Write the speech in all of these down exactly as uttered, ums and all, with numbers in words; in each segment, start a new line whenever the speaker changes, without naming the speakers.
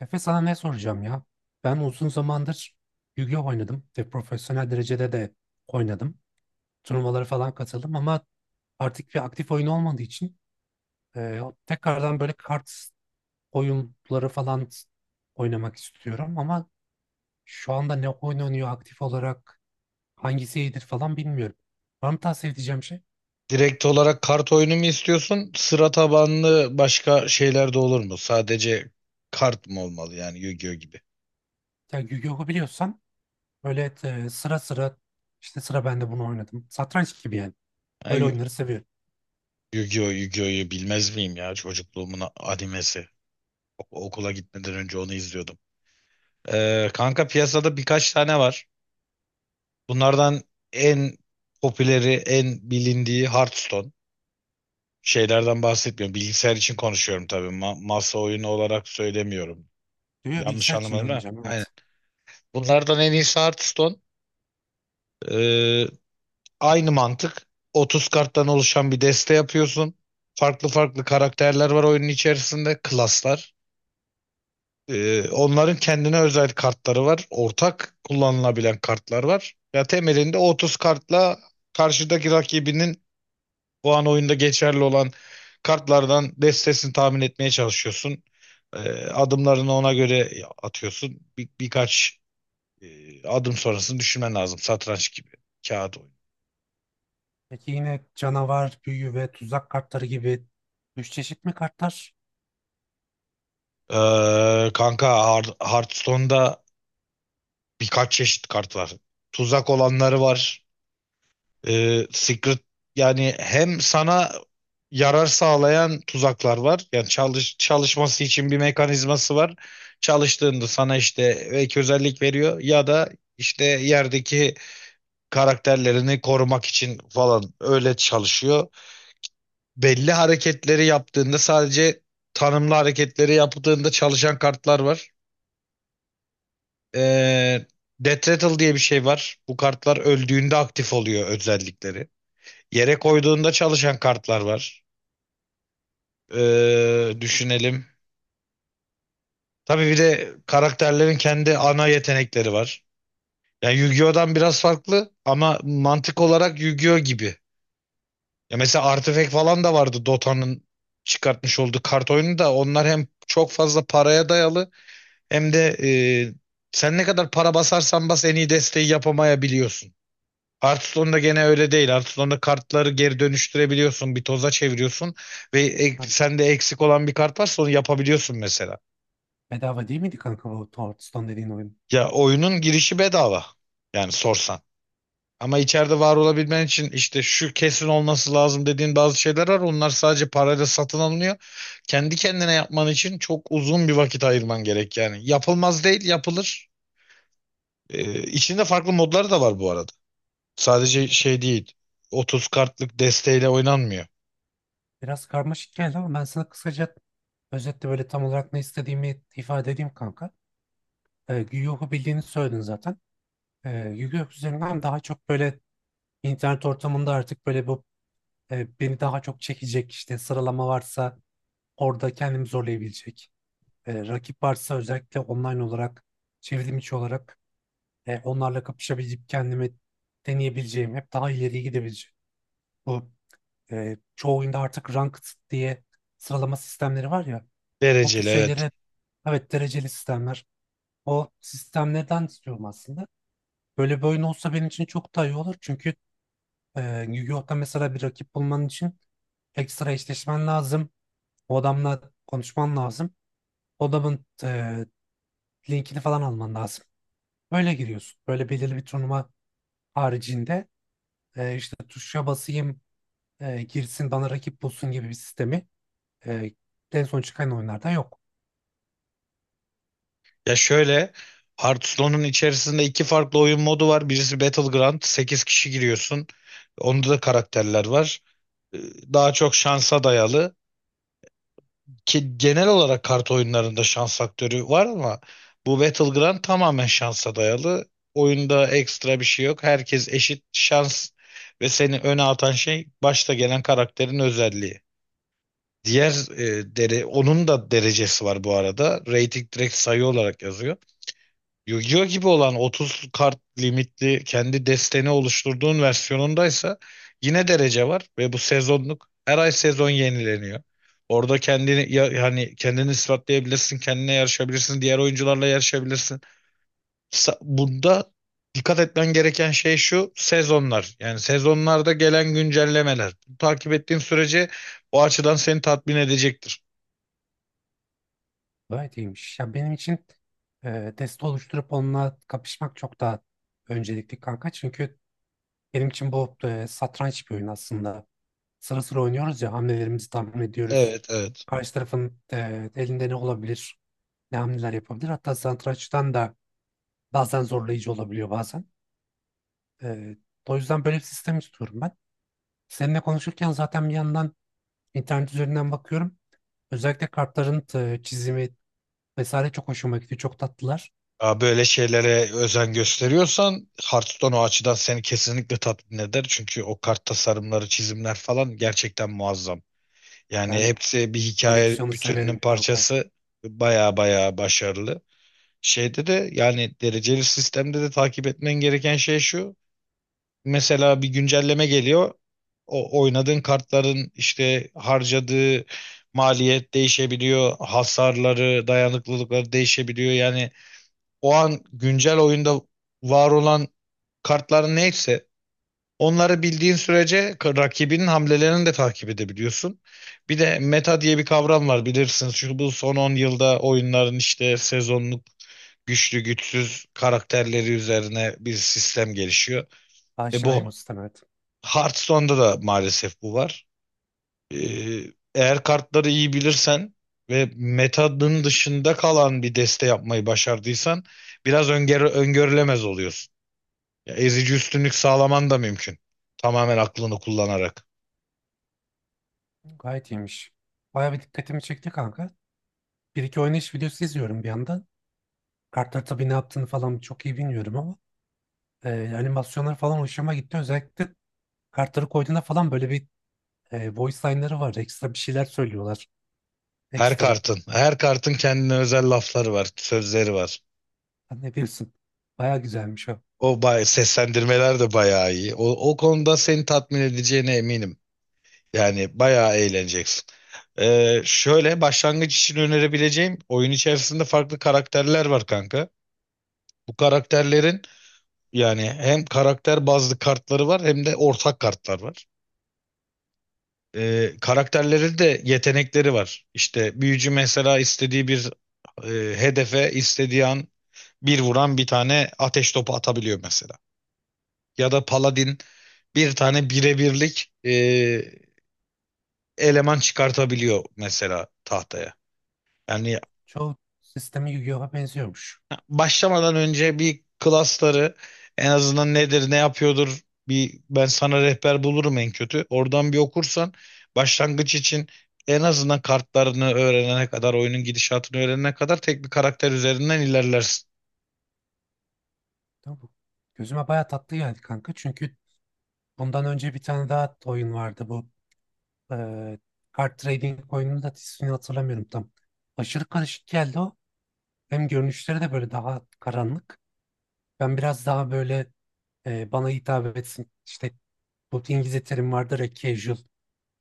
Efe sana ne soracağım ya? Ben uzun zamandır Yu-Gi-Oh oynadım ve profesyonel derecede de oynadım. Turnuvalara falan katıldım ama artık bir aktif oyun olmadığı için e, tekrardan böyle kart oyunları falan oynamak istiyorum ama şu anda ne oynanıyor aktif olarak hangisi iyidir falan bilmiyorum. Var mı tavsiye edeceğim şey?
Direkt olarak kart oyunu mu istiyorsun? Sıra tabanlı başka şeyler de olur mu? Sadece kart mı olmalı yani Yu-Gi-Oh gibi?
Ya Yu-Gi-Oh'u biliyorsan böyle e, sıra sıra işte sıra ben de bunu oynadım. Satranç gibi yani.
Ha,
Böyle
Yu-
oyunları seviyorum.
Yu-Gi-Oh, Yu-Gi-Oh'yu bilmez miyim ya? Çocukluğumun a- animesi. O- okula gitmeden önce onu izliyordum. Ee, kanka, piyasada birkaç tane var. Bunlardan en popüleri, en bilindiği Hearthstone. Şeylerden bahsetmiyorum. Bilgisayar için konuşuyorum tabii. Ma- masa oyunu olarak söylemiyorum.
Diyor ya,
Yanlış
bilgisayar içinde
anlamadım ha?
oynayacağım
Aynen.
evet.
Bunlardan en iyisi Hearthstone. Ee, Aynı mantık. otuz karttan oluşan bir deste yapıyorsun. Farklı farklı karakterler var oyunun içerisinde. Klaslar. Ee, onların kendine özel kartları var. Ortak kullanılabilen kartlar var. Ya temelinde otuz kartla karşıdaki rakibinin o an oyunda geçerli olan kartlardan destesini tahmin etmeye çalışıyorsun. Ee, Adımlarını ona göre atıyorsun. Bir, birkaç e, adım sonrasını düşünmen lazım. Satranç gibi. Kağıt oyunu.
Peki yine canavar, büyü ve tuzak kartları gibi üç çeşit mi kartlar?
Ee, kanka, Har- Hearthstone'da birkaç çeşit kart var. Tuzak olanları var. Ee, Secret, yani hem sana yarar sağlayan tuzaklar var. Yani çalış çalışması için bir mekanizması var. Çalıştığında sana işte ek özellik veriyor ya da işte yerdeki karakterlerini korumak için falan öyle çalışıyor. Belli hareketleri yaptığında sadece Tanımlı hareketleri yaptığında çalışan kartlar var. Ee, Death Rattle diye bir şey var. Bu kartlar öldüğünde aktif oluyor özellikleri. Yere koyduğunda çalışan kartlar var. Ee, düşünelim. Tabii bir de karakterlerin kendi ana yetenekleri var. Yani Yu-Gi-Oh'dan biraz farklı ama mantık olarak Yu-Gi-Oh gibi. Ya mesela Artifact falan da vardı, Dota'nın çıkartmış olduğu kart oyunu. Da onlar hem çok fazla paraya dayalı hem de e, sen ne kadar para basarsan bas en iyi desteği yapamayabiliyorsun. Hearthstone'da gene öyle değil. Hearthstone'da kartları geri dönüştürebiliyorsun. Bir toza çeviriyorsun ve ek,
Ha,
sende eksik olan bir kart varsa onu yapabiliyorsun mesela.
bedava değil miydi kanka bu Hearthstone dediğin oyun?
Ya oyunun girişi bedava. Yani sorsan. Ama içeride var olabilmen için işte şu kesin olması lazım dediğin bazı şeyler var. Onlar sadece parayla satın alınıyor. Kendi kendine yapman için çok uzun bir vakit ayırman gerek yani. Yapılmaz değil, yapılır. Ee, içinde farklı modlar da var bu arada. Sadece
Anladım.
şey değil. otuz kartlık desteğiyle oynanmıyor.
Biraz karmaşık geldi ama ben sana kısaca özetle böyle tam olarak ne istediğimi ifade edeyim kanka. Ee, Yu-Gi-Oh'u bildiğini söyledin zaten. Ee, Yu-Gi-Oh üzerinden daha çok böyle internet ortamında artık böyle bu e, beni daha çok çekecek işte sıralama varsa orada kendimi zorlayabilecek. Ee, rakip varsa özellikle online olarak çevrim içi olarak E, onlarla kapışabileceğim, kendimi deneyebileceğim, hep daha ileriye gidebileceğim. Bu e, çoğu oyunda artık ranked diye sıralama sistemleri var ya. O tür
Dereceli evet.
şeylere evet dereceli sistemler. O sistemlerden istiyorum aslında. Böyle bir oyun olsa benim için çok daha iyi olur. Çünkü e, Yu-Gi-Oh'ta mesela bir rakip bulman için ekstra eşleşmen lazım. O adamla konuşman lazım. O adamın e, linkini falan alman lazım. Böyle giriyorsun. Böyle belirli bir turnuva haricinde e, işte tuşa basayım e, girsin bana rakip bulsun gibi bir sistemi e, en son çıkan oyunlardan yok.
Ya şöyle, Hearthstone'un içerisinde iki farklı oyun modu var. Birisi Battleground, sekiz kişi giriyorsun. Onda da karakterler var. Ee, Daha çok şansa dayalı. Ki genel olarak kart oyunlarında şans faktörü var ama bu Battleground tamamen şansa dayalı. Oyunda ekstra bir şey yok. Herkes eşit şans ve seni öne atan şey başta gelen karakterin özelliği. Diğer e, dere, onun da derecesi var bu arada. Rating direkt sayı olarak yazıyor. Yu-Gi-Oh gibi olan otuz kart limitli kendi desteni oluşturduğun versiyonundaysa yine derece var ve bu sezonluk, her ay sezon yenileniyor. Orada kendini, ya hani, kendini ispatlayabilirsin, kendine yarışabilirsin, diğer oyuncularla yarışabilirsin. Sa- Bunda dikkat etmen gereken şey şu sezonlar. Yani sezonlarda gelen güncellemeler. Takip ettiğin sürece o açıdan seni tatmin edecektir.
Gayet iyiymiş. Ya benim için e, deste oluşturup onunla kapışmak çok daha öncelikli kanka. Çünkü benim için bu e, satranç bir oyun aslında. Sıra sıra oynuyoruz ya hamlelerimizi tahmin ediyoruz.
Evet, evet.
Karşı tarafın e, elinde ne olabilir, ne hamleler yapabilir. Hatta satrançtan da bazen zorlayıcı olabiliyor bazen. E, o yüzden böyle bir sistem istiyorum ben. Seninle konuşurken zaten bir yandan İnternet üzerinden bakıyorum. Özellikle kartların e, çizimi vesaire çok hoşuma gidiyor. Çok tatlılar.
Ya böyle şeylere özen gösteriyorsan Hearthstone o açıdan seni kesinlikle tatmin eder. Çünkü o kart tasarımları, çizimler falan gerçekten muazzam. Yani
Ben
hepsi bir hikaye
koleksiyonu
bütününün
severim kanka.
parçası. Baya baya başarılı. Şeyde de, yani dereceli sistemde de, takip etmen gereken şey şu. Mesela bir güncelleme geliyor. O oynadığın kartların işte harcadığı maliyet değişebiliyor. Hasarları, dayanıklılıkları değişebiliyor. Yani o an güncel oyunda var olan kartların neyse onları bildiğin sürece k- rakibinin hamlelerini de takip edebiliyorsun. Bir de meta diye bir kavram var, bilirsiniz. Şu bu son on yılda oyunların işte sezonluk güçlü güçsüz karakterleri üzerine bir sistem gelişiyor. Ve
Aşinayım o
bu
sisteme, evet.
Hearthstone'da da maalesef bu var. Ee, Eğer kartları iyi bilirsen ve metanın dışında kalan bir deste yapmayı başardıysan biraz öngörü- öngörülemez oluyorsun. Ya ezici üstünlük sağlaman da mümkün. Tamamen aklını kullanarak.
Gayet iyiymiş. Bayağı bir dikkatimi çekti kanka. Bir iki oynayış videosu izliyorum bir yandan. Kartlar tabii ne yaptığını falan çok iyi bilmiyorum ama e, animasyonlar falan hoşuma gitti. Özellikle kartları koyduğunda falan böyle bir e, voice line'ları var. Ekstra bir şeyler söylüyorlar.
Her
Ekstra.
kartın, her kartın kendine özel lafları var, sözleri var.
Sen ne bilirsin. Bayağı güzelmiş o.
O bay seslendirmeler de bayağı iyi. O, o konuda seni tatmin edeceğine eminim. Yani bayağı eğleneceksin. Ee, şöyle, başlangıç için önerebileceğim, oyun içerisinde farklı karakterler var kanka. Bu karakterlerin, yani hem karakter bazlı kartları var hem de ortak kartlar var. E, karakterlerin de yetenekleri var. İşte büyücü mesela istediği bir e, hedefe istediği an bir vuran bir tane ateş topu atabiliyor mesela. Ya da paladin bir tane birebirlik e, eleman çıkartabiliyor mesela tahtaya. Yani
Çoğu sistemi Yu-Gi-Oh'a benziyormuş.
başlamadan önce bir klasları en azından nedir ne yapıyordur, bir ben sana rehber bulurum en kötü. Oradan bir okursan, başlangıç için en azından, kartlarını öğrenene kadar, oyunun gidişatını öğrenene kadar tek bir karakter üzerinden ilerlersin.
Tamam. Gözüme bayağı tatlı geldi kanka. Çünkü bundan önce bir tane daha oyun vardı bu. Eee kart trading oyununun da ismini hatırlamıyorum tam. Aşırı karışık geldi o. Hem görünüşleri de böyle daha karanlık. Ben biraz daha böyle eee, bana hitap etsin. İşte bu İngilizce terim vardır ya, casual.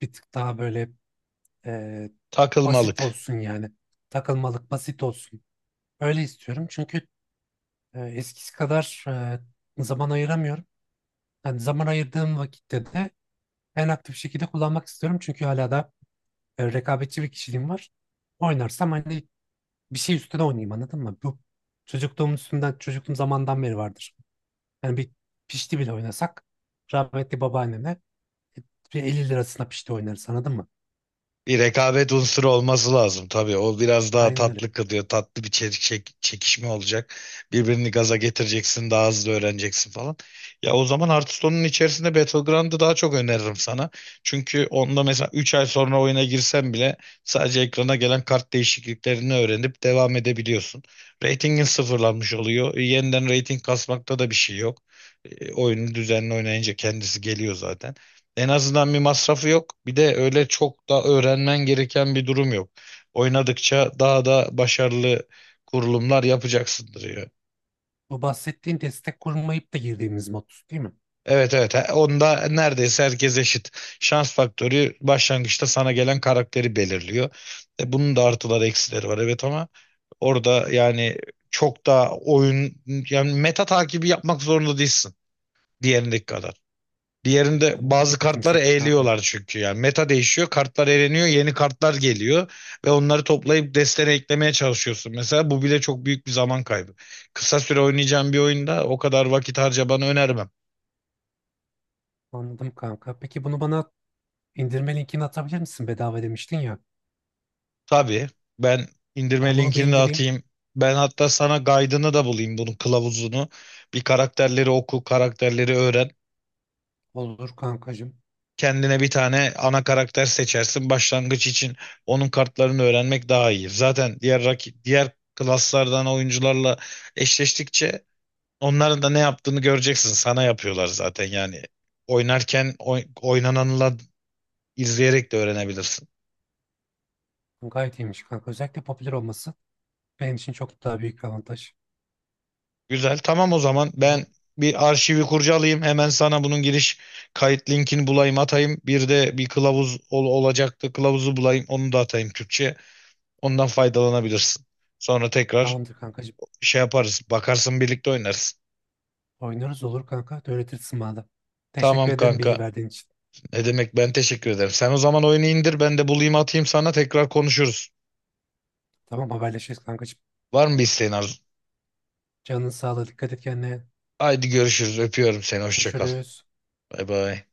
Bir tık daha böyle eee, basit
Takılmalık.
olsun yani. Takılmalık basit olsun. Öyle istiyorum çünkü eee, eskisi kadar eee, zaman ayıramıyorum. Yani zaman ayırdığım vakitte de en aktif şekilde kullanmak istiyorum. Çünkü hala da e, rekabetçi bir kişiliğim var. Oynarsam hani bir şey üstüne oynayayım, anladın mı? Bu çocukluğum üstünden, çocukluğum zamandan beri vardır. Yani bir pişti bile oynasak rahmetli babaannemle bir elli lirasına pişti oynarız, anladın mı?
Bir rekabet unsuru olması lazım tabii. O biraz daha
Aynen öyle.
tatlı kılıyor. Tatlı bir çe- çek- çekişme olacak. Birbirini gaza getireceksin, daha hızlı öğreneceksin falan. Ya o zaman Hearthstone'un içerisinde Battleground'ı daha çok öneririm sana. Çünkü onda mesela üç ay sonra oyuna girsen bile sadece ekrana gelen kart değişikliklerini öğrenip devam edebiliyorsun. Ratingin sıfırlanmış oluyor. E, yeniden rating kasmakta da bir şey yok. E, oyunu düzenli oynayınca kendisi geliyor zaten. En azından bir masrafı yok. Bir de öyle çok da öğrenmen gereken bir durum yok. Oynadıkça daha da başarılı kurulumlar yapacaksındır ya.
Bu bahsettiğin destek kurmayıp da girdiğimiz mod değil mi?
Evet, evet. He- onda neredeyse herkes eşit. Şans faktörü başlangıçta sana gelen karakteri belirliyor. E, bunun da artıları eksileri var evet ama orada yani çok da oyun yani meta takibi yapmak zorunda değilsin diğerindeki kadar. Diğerinde
Anladım. O da
bazı
dikkatimi
kartları
çekti kanka.
eğliyorlar çünkü yani. Meta değişiyor, kartlar eğleniyor, yeni kartlar geliyor ve onları toplayıp destene eklemeye çalışıyorsun. Mesela bu bile çok büyük bir zaman kaybı. Kısa süre oynayacağım bir oyunda o kadar vakit harcamanı önermem.
Anladım kanka. Peki bunu bana indirme linkini atabilir misin? Bedava demiştin ya.
Tabii ben indirme
Ben bunu bir
linkini de
indireyim.
atayım. Ben hatta sana guide'ını da bulayım, bunun kılavuzunu. Bir karakterleri oku, karakterleri öğren.
Olur kankacığım.
Kendine bir tane ana karakter seçersin. Başlangıç için onun kartlarını öğrenmek daha iyi. Zaten diğer rakip, diğer klaslardan oyuncularla eşleştikçe onların da ne yaptığını göreceksin. Sana yapıyorlar zaten yani. Oynarken oy- oynananla izleyerek de öğrenebilirsin.
Gayet iyiymiş kanka. Özellikle popüler olması benim için çok daha büyük bir avantaj.
Güzel. Tamam, o zaman
O
ben
zaman
bir arşivi kurcalayayım. Hemen sana bunun giriş kayıt linkini bulayım atayım. Bir de bir kılavuz ol- olacaktı. Kılavuzu bulayım, onu da atayım, Türkçe. Ondan faydalanabilirsin. Sonra tekrar
tamamdır kankacığım.
şey yaparız. Bakarsın birlikte oynarız.
Oynarız olur kanka. Öğretirsin bana da.
Tamam
Teşekkür ederim bilgi
kanka.
verdiğin için.
Ne demek, ben teşekkür ederim. Sen o zaman oyunu indir, ben de bulayım atayım, sana tekrar konuşuruz.
Tamam haberleşiriz kankacığım.
Var mı bir isteğin Arzu?
Canın sağlığı. Dikkat et kendine.
Haydi görüşürüz. Öpüyorum seni. Hoşça kal.
Görüşürüz.
Bay bay.